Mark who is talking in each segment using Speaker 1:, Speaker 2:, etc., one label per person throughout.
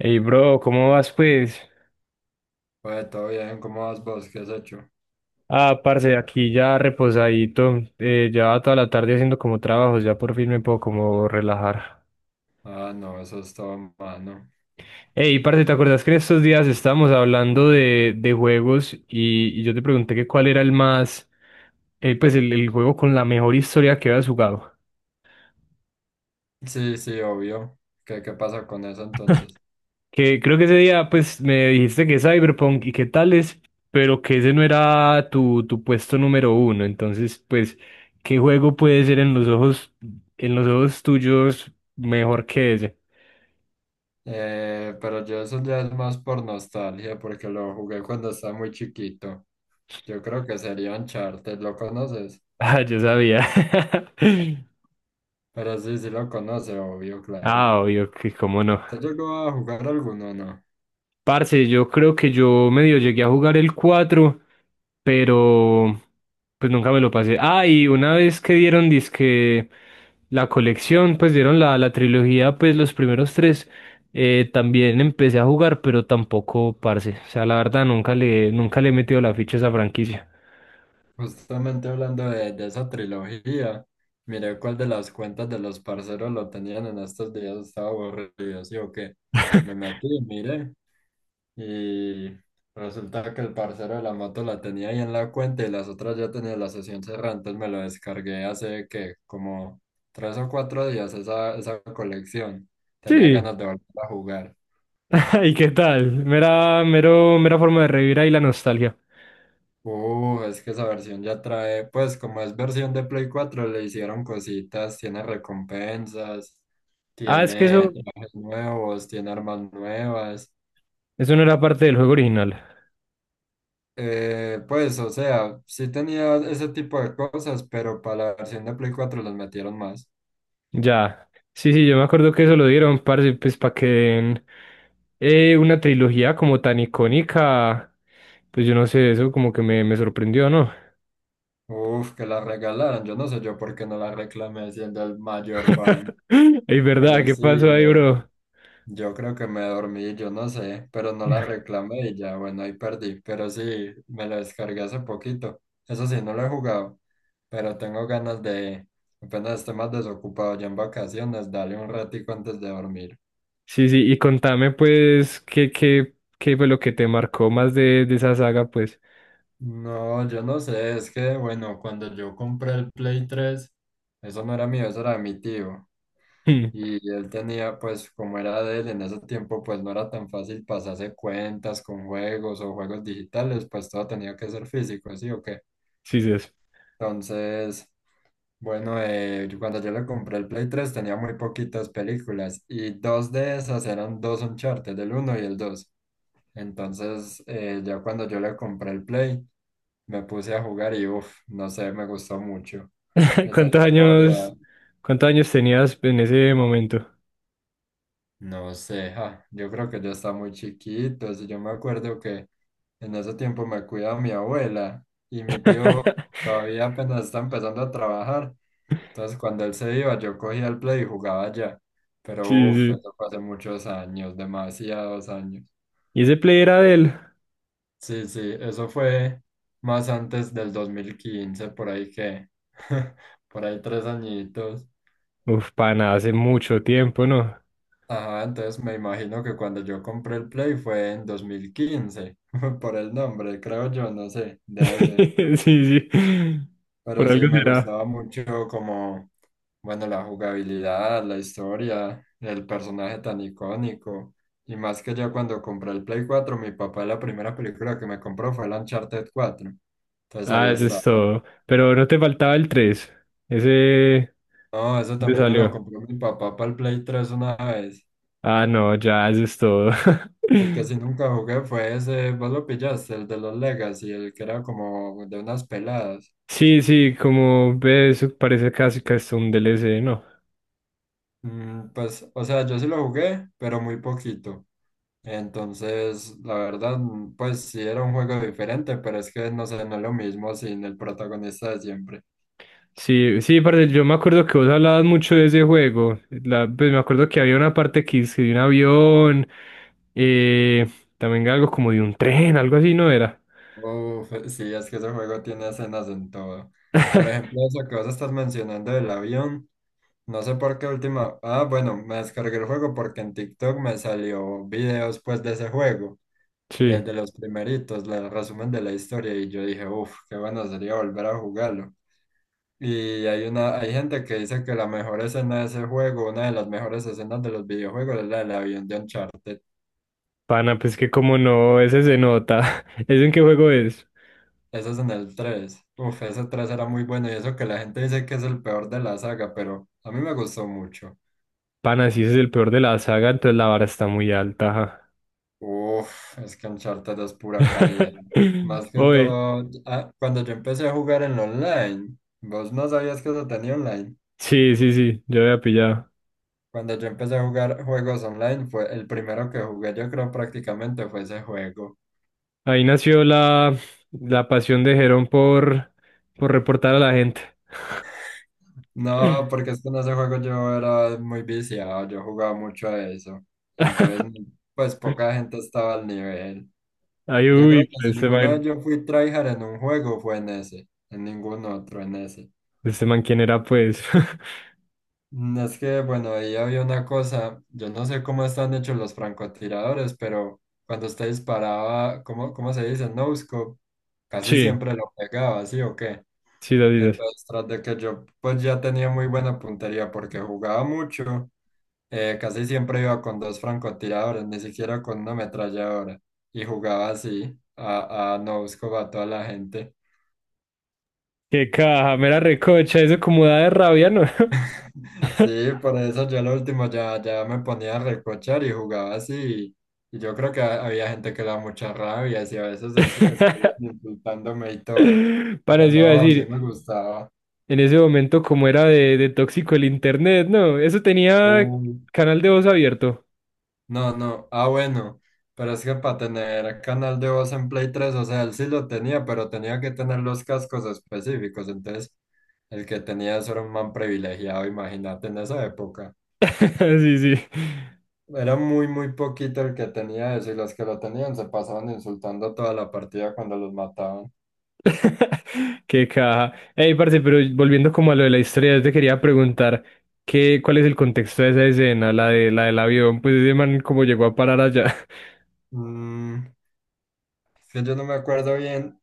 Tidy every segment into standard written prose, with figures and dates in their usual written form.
Speaker 1: Hey, bro, ¿cómo vas, pues?
Speaker 2: Oye, todo bien, ¿cómo vas vos? ¿Qué has hecho?
Speaker 1: Ah, parce, aquí ya reposadito, ya toda la tarde haciendo como trabajos, ya por fin me puedo como relajar.
Speaker 2: Ah, no, eso es todo mano.
Speaker 1: Hey, parce, ¿te acuerdas que en estos días estábamos hablando de juegos y yo te pregunté que cuál era el más, el juego con la mejor historia que habías jugado?
Speaker 2: Sí, sí, obvio. ¿Qué pasa con eso entonces?
Speaker 1: Que creo que ese día, pues, me dijiste que Cyberpunk y qué tales, pero que ese no era tu puesto número uno. Entonces, pues, ¿qué juego puede ser en los ojos tuyos mejor que ese?
Speaker 2: Pero yo eso ya es más por nostalgia, porque lo jugué cuando estaba muy chiquito. Yo creo que sería Uncharted, ¿lo conoces?
Speaker 1: Ah, yo sabía.
Speaker 2: Pero sí, sí lo conoce, obvio, claro.
Speaker 1: Ah, obvio que cómo no.
Speaker 2: ¿Se llegó a jugar alguno, no?
Speaker 1: Parce, yo creo que yo medio llegué a jugar el 4, pero pues nunca me lo pasé. Ah, y una vez que dieron disque la colección, pues dieron la trilogía, pues los primeros tres, también empecé a jugar, pero tampoco, parce. O sea, la verdad nunca le he metido la ficha a esa franquicia.
Speaker 2: Justamente hablando de esa trilogía, miré cuál de las cuentas de los parceros lo tenían en estos días, estaba aburrido, ¿sí o qué? Me metí, miré. Y resulta que el parcero de la moto la tenía ahí en la cuenta y las otras ya tenía la sesión cerrada, entonces me lo descargué hace que como 3 o 4 días esa colección. Tenía
Speaker 1: Sí,
Speaker 2: ganas de volver a jugar.
Speaker 1: ¿y qué tal? Mera forma de revivir ahí la nostalgia.
Speaker 2: Es que esa versión ya trae, pues como es versión de Play cuatro, le hicieron cositas, tiene recompensas,
Speaker 1: Ah, es que
Speaker 2: tiene
Speaker 1: eso,
Speaker 2: trajes nuevos, tiene armas nuevas.
Speaker 1: eso no era parte del juego original.
Speaker 2: Pues, o sea, sí tenía ese tipo de cosas, pero para la versión de Play cuatro las metieron más.
Speaker 1: Ya, sí, sí, yo me acuerdo que eso lo dieron, parce, pues para que den una trilogía como tan icónica, pues yo no sé, eso como que me sorprendió, ¿no?
Speaker 2: Uf, que la regalaran, yo no sé yo por qué no la reclamé siendo el mayor fan,
Speaker 1: Es verdad,
Speaker 2: pero
Speaker 1: ¿qué
Speaker 2: sí,
Speaker 1: pasó ahí,
Speaker 2: eh,
Speaker 1: bro?
Speaker 2: yo creo que me dormí, yo no sé, pero no la reclamé y ya, bueno, ahí perdí, pero sí, me la descargué hace poquito. Eso sí, no lo he jugado, pero tengo ganas de, apenas esté más desocupado ya en vacaciones, darle un ratico antes de dormir.
Speaker 1: Sí, sí, y contame pues qué fue lo que te marcó más de esa saga, pues.
Speaker 2: No, yo no sé, es que bueno, cuando yo compré el Play tres, eso no era mío, eso era de mi tío.
Speaker 1: Hmm.
Speaker 2: Y él tenía, pues, como era de él, en ese tiempo, pues no era tan fácil pasarse cuentas con juegos o juegos digitales, pues todo tenía que ser físico, ¿sí o qué?
Speaker 1: Sí, sí, es.
Speaker 2: Entonces, bueno, cuando yo le compré el Play tres tenía muy poquitas películas y dos de esas eran dos Uncharted, el uno y el dos. Entonces, ya cuando yo le compré el Play, me puse a jugar y uff, no sé, me gustó mucho esa
Speaker 1: ¿Cuántos
Speaker 2: historia.
Speaker 1: años, cuántos años tenías en ese momento?
Speaker 2: No sé, ja, yo creo que yo estaba muy chiquito. Si yo me acuerdo que en ese tiempo me cuidaba mi abuela y mi tío todavía apenas está empezando a trabajar. Entonces, cuando él se iba, yo cogía el play y jugaba allá.
Speaker 1: Sí,
Speaker 2: Pero uff,
Speaker 1: sí.
Speaker 2: eso fue hace muchos años, demasiados años.
Speaker 1: ¿Y ese play era de él?
Speaker 2: Sí, sí, eso fue más antes del 2015, por ahí que, por ahí tres añitos.
Speaker 1: Uf, pana, hace mucho tiempo, ¿no?
Speaker 2: Ajá, entonces me imagino que cuando yo compré el Play fue en 2015, por el nombre, creo yo, no sé, debe ser.
Speaker 1: Sí, sí.
Speaker 2: Pero
Speaker 1: Por
Speaker 2: sí,
Speaker 1: algo
Speaker 2: me
Speaker 1: será.
Speaker 2: gustaba mucho como bueno, la jugabilidad, la historia, el personaje tan icónico. Y más que yo cuando compré el Play cuatro, mi papá, la primera película que me compró fue el Uncharted 4. Entonces ahí
Speaker 1: Ah, eso es
Speaker 2: estaba.
Speaker 1: todo. Pero no te faltaba el tres. Ese
Speaker 2: No, eso
Speaker 1: te
Speaker 2: también me lo
Speaker 1: salió.
Speaker 2: compró mi papá para el Play tres una vez.
Speaker 1: Ah, no, ya, eso es todo.
Speaker 2: El que sí nunca jugué fue ese, vos lo pillaste, el de los Legacy, el que era como de unas peladas.
Speaker 1: Sí, sí, como ves, parece casi que es un DLC, ¿no?
Speaker 2: Mm, pues, o sea, yo sí lo jugué, pero muy poquito. Entonces, la verdad, pues sí era un juego diferente, pero es que no sé, no es lo mismo sin el protagonista de siempre.
Speaker 1: Sí, sí, parce, yo me acuerdo que vos hablabas mucho de ese juego. La- pues me acuerdo que había una parte que es que de un avión, eh, también algo como de un tren, algo así, ¿no era?
Speaker 2: Uf, sí, es que ese juego tiene escenas en todo. Por ejemplo, eso que vos estás mencionando del avión, no sé por qué última. Ah, bueno, me descargué el juego porque en TikTok me salió videos pues de ese juego,
Speaker 1: Sí.
Speaker 2: desde los primeritos, el resumen de la historia, y yo dije, uff, qué bueno sería volver a jugarlo. Y hay gente que dice que la mejor escena de ese juego, una de las mejores escenas de los videojuegos, es la del avión de Uncharted.
Speaker 1: Pana, pues que como no, ese se nota. ¿Es en qué juego es?
Speaker 2: Eso es en el tres. Uf, ese 3 era muy bueno y eso que la gente dice que es el peor de la saga, pero a mí me gustó mucho.
Speaker 1: Pana, si ese es el peor de la saga, entonces la vara está muy alta.
Speaker 2: Uf, es que Uncharted es pura
Speaker 1: Ajá.
Speaker 2: calidad. Más que
Speaker 1: Oye,
Speaker 2: todo, cuando yo empecé a jugar en online, vos no sabías que eso tenía online.
Speaker 1: sí, sí, sí, yo había pillado.
Speaker 2: Cuando yo empecé a jugar juegos online, fue el primero que jugué, yo creo prácticamente fue ese juego.
Speaker 1: Ahí nació la pasión de Jerón por reportar a la gente.
Speaker 2: No, porque es que en ese juego yo era muy viciado, yo jugaba mucho a eso. Entonces, pues poca gente estaba al nivel.
Speaker 1: Ay,
Speaker 2: Yo creo
Speaker 1: uy,
Speaker 2: que
Speaker 1: pues,
Speaker 2: si alguna vez yo fui tryhard en un juego fue en ese, en ningún otro, en ese.
Speaker 1: este man, ¿quién era, pues?
Speaker 2: Mm, es que, bueno, ahí había una cosa, yo no sé cómo están hechos los francotiradores, pero cuando usted disparaba, ¿cómo se dice? No scope, casi
Speaker 1: Sí,
Speaker 2: siempre lo pegaba, ¿sí o qué?
Speaker 1: sí, lo
Speaker 2: Y
Speaker 1: dices.
Speaker 2: entonces, tras de que yo pues ya tenía muy buena puntería porque jugaba mucho. Casi siempre iba con dos francotiradores, ni siquiera con una ametralladora. Y jugaba así, a no buscaba a toda la gente.
Speaker 1: Qué caja, mera recocha, eso como da de rabia, ¿no?
Speaker 2: Sí, por eso yo lo último ya, ya me ponía a recochar y jugaba así. Y yo creo que había gente que le da mucha rabia y a veces escribían insultándome y todo.
Speaker 1: Para
Speaker 2: Pero
Speaker 1: eso iba a
Speaker 2: no, a mí me
Speaker 1: decir,
Speaker 2: gustaba.
Speaker 1: en ese momento, como era de tóxico el internet, no, eso tenía
Speaker 2: Uh,
Speaker 1: canal de voz abierto.
Speaker 2: No, no. Ah, bueno. Pero es que para tener canal de voz en Play tres, o sea, él sí lo tenía, pero tenía que tener los cascos específicos. Entonces, el que tenía eso era un man privilegiado, imagínate, en esa época.
Speaker 1: Sí, sí.
Speaker 2: Era muy, muy poquito el que tenía eso y los que lo tenían se pasaban insultando toda la partida cuando los mataban.
Speaker 1: Qué caja. Ey, parce, pero volviendo como a lo de la historia, yo te quería preguntar qué, ¿cuál es el contexto de esa escena, la de la del avión, pues ese man como llegó a parar allá,
Speaker 2: Mm, es que yo no me acuerdo bien.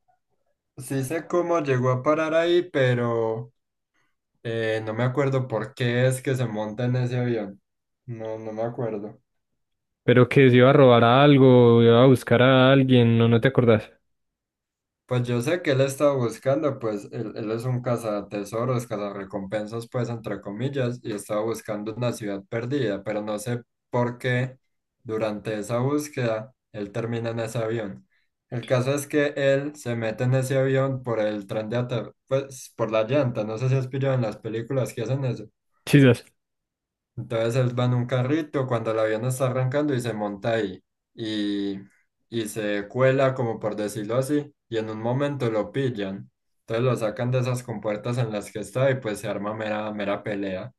Speaker 2: Sí sé cómo llegó a parar ahí, pero no me acuerdo por qué es que se monta en ese avión. No, no me acuerdo.
Speaker 1: pero que se iba a robar algo, iba a buscar a alguien, no, no te acordás?
Speaker 2: Pues yo sé que él estaba buscando, pues él es un cazatesoros, cazarrecompensas, pues entre comillas, y estaba buscando una ciudad perdida, pero no sé por qué durante esa búsqueda él termina en ese avión. El caso es que él se mete en ese avión por el tren de aterrizaje, pues por la llanta, no sé si has pillado en las películas que hacen eso.
Speaker 1: Chisas.
Speaker 2: Entonces él va en un carrito cuando el avión está arrancando y se monta ahí y, y se cuela, como por decirlo así, y en un momento lo pillan. Entonces lo sacan de esas compuertas en las que está y pues se arma mera, mera pelea.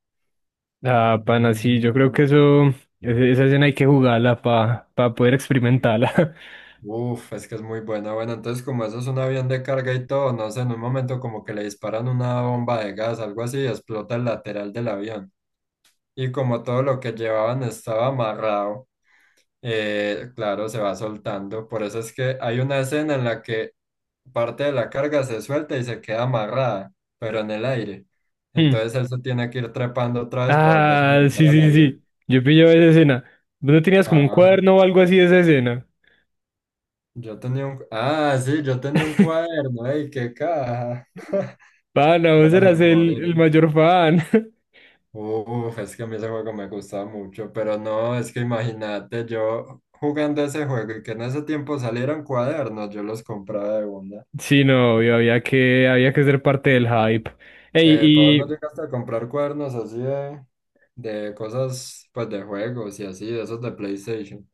Speaker 1: Ah, pana, sí, yo creo que eso, esa escena hay que jugarla para poder experimentarla.
Speaker 2: Uf, es que es muy buena. Bueno, entonces como eso es un avión de carga y todo, no sé, en un momento como que le disparan una bomba de gas, algo así, y explota el lateral del avión. Y como todo lo que llevaban estaba amarrado, claro, se va soltando. Por eso es que hay una escena en la que parte de la carga se suelta y se queda amarrada, pero en el aire. Entonces él se tiene que ir trepando otra vez para volverse a
Speaker 1: Ah,
Speaker 2: montar
Speaker 1: sí,
Speaker 2: al
Speaker 1: sí, sí.
Speaker 2: avión.
Speaker 1: Yo pillo esa escena. ¿Vos no tenías como un
Speaker 2: Ah,
Speaker 1: cuaderno o algo así de esa escena?
Speaker 2: Ah, sí, yo tenía un cuaderno. ¡Ey, qué caja!
Speaker 1: Pana, vos
Speaker 2: Mera
Speaker 1: eras
Speaker 2: memoria.
Speaker 1: el mayor fan.
Speaker 2: Uf, es que a mí ese juego me gustaba mucho, pero no, es que imagínate yo jugando ese juego y que en ese tiempo salieran cuadernos, yo los compraba de una.
Speaker 1: Sí, no, obvio, había que ser parte del hype.
Speaker 2: Pues vos
Speaker 1: Ey,
Speaker 2: no llegaste a comprar cuernos así de cosas, pues de juegos y así, de esos de PlayStation,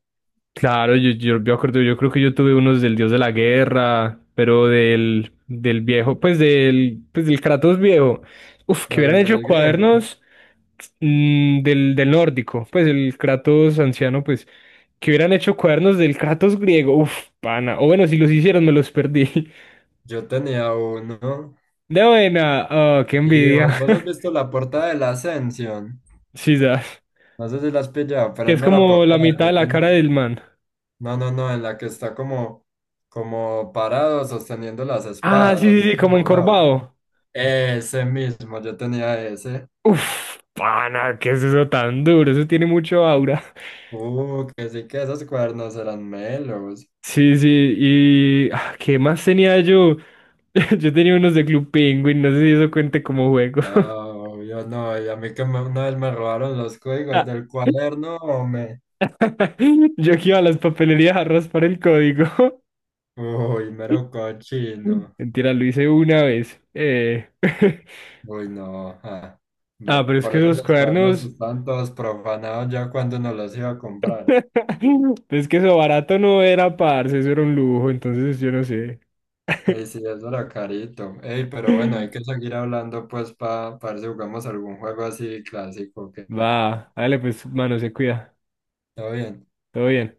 Speaker 1: claro, yo me acuerdo, yo creo que yo tuve unos del dios de la guerra, pero del viejo, pues del Kratos viejo. Uf, que
Speaker 2: del,
Speaker 1: hubieran hecho
Speaker 2: del griego.
Speaker 1: cuadernos mm, del nórdico, pues el Kratos anciano, pues, que hubieran hecho cuadernos del Kratos griego. Uf, pana. O bueno, si los hicieron, me los perdí.
Speaker 2: Yo tenía uno.
Speaker 1: De buena, oh, qué
Speaker 2: Sí,
Speaker 1: envidia.
Speaker 2: vos has visto la portada de la Ascension.
Speaker 1: Sí.
Speaker 2: No sé si la has pillado, pero
Speaker 1: Que
Speaker 2: es
Speaker 1: es
Speaker 2: mera
Speaker 1: como la
Speaker 2: portada.
Speaker 1: mitad de
Speaker 2: Yo
Speaker 1: la
Speaker 2: tenía...
Speaker 1: cara del man.
Speaker 2: No, no, no, en la que está como parado sosteniendo las
Speaker 1: Ah,
Speaker 2: espadas,
Speaker 1: sí, sí,
Speaker 2: así
Speaker 1: sí, como
Speaker 2: como bravo.
Speaker 1: encorvado.
Speaker 2: Ese mismo, yo tenía ese.
Speaker 1: Uf, pana, ¿qué es eso tan duro? Eso tiene mucho aura.
Speaker 2: Que sí, que esos cuernos eran melos.
Speaker 1: Sí, sí, y ah, ¿qué más tenía yo? Yo tenía unos de Club Penguin, no sé si eso cuente como juego.
Speaker 2: Ah, yo no, y a mí que una vez me robaron los códigos
Speaker 1: Ah,
Speaker 2: del cuaderno, hombre.
Speaker 1: yo que iba a las papelerías a raspar el código.
Speaker 2: Uy, mero cochino.
Speaker 1: Mentira, lo hice una vez.
Speaker 2: Uy, no. Ah.
Speaker 1: Ah, pero es
Speaker 2: Por
Speaker 1: que
Speaker 2: eso
Speaker 1: esos
Speaker 2: los cuadernos
Speaker 1: cuadernos.
Speaker 2: están todos profanados ya cuando no los iba a comprar.
Speaker 1: Es que eso barato no era, parce, eso era un lujo, entonces yo no sé.
Speaker 2: Y sí, eso era carito. Ey, pero bueno, hay que seguir hablando pues para ver si jugamos algún juego así clásico que...
Speaker 1: Va, dale, pues, mano, se cuida.
Speaker 2: ¿Todo bien?
Speaker 1: Todo bien.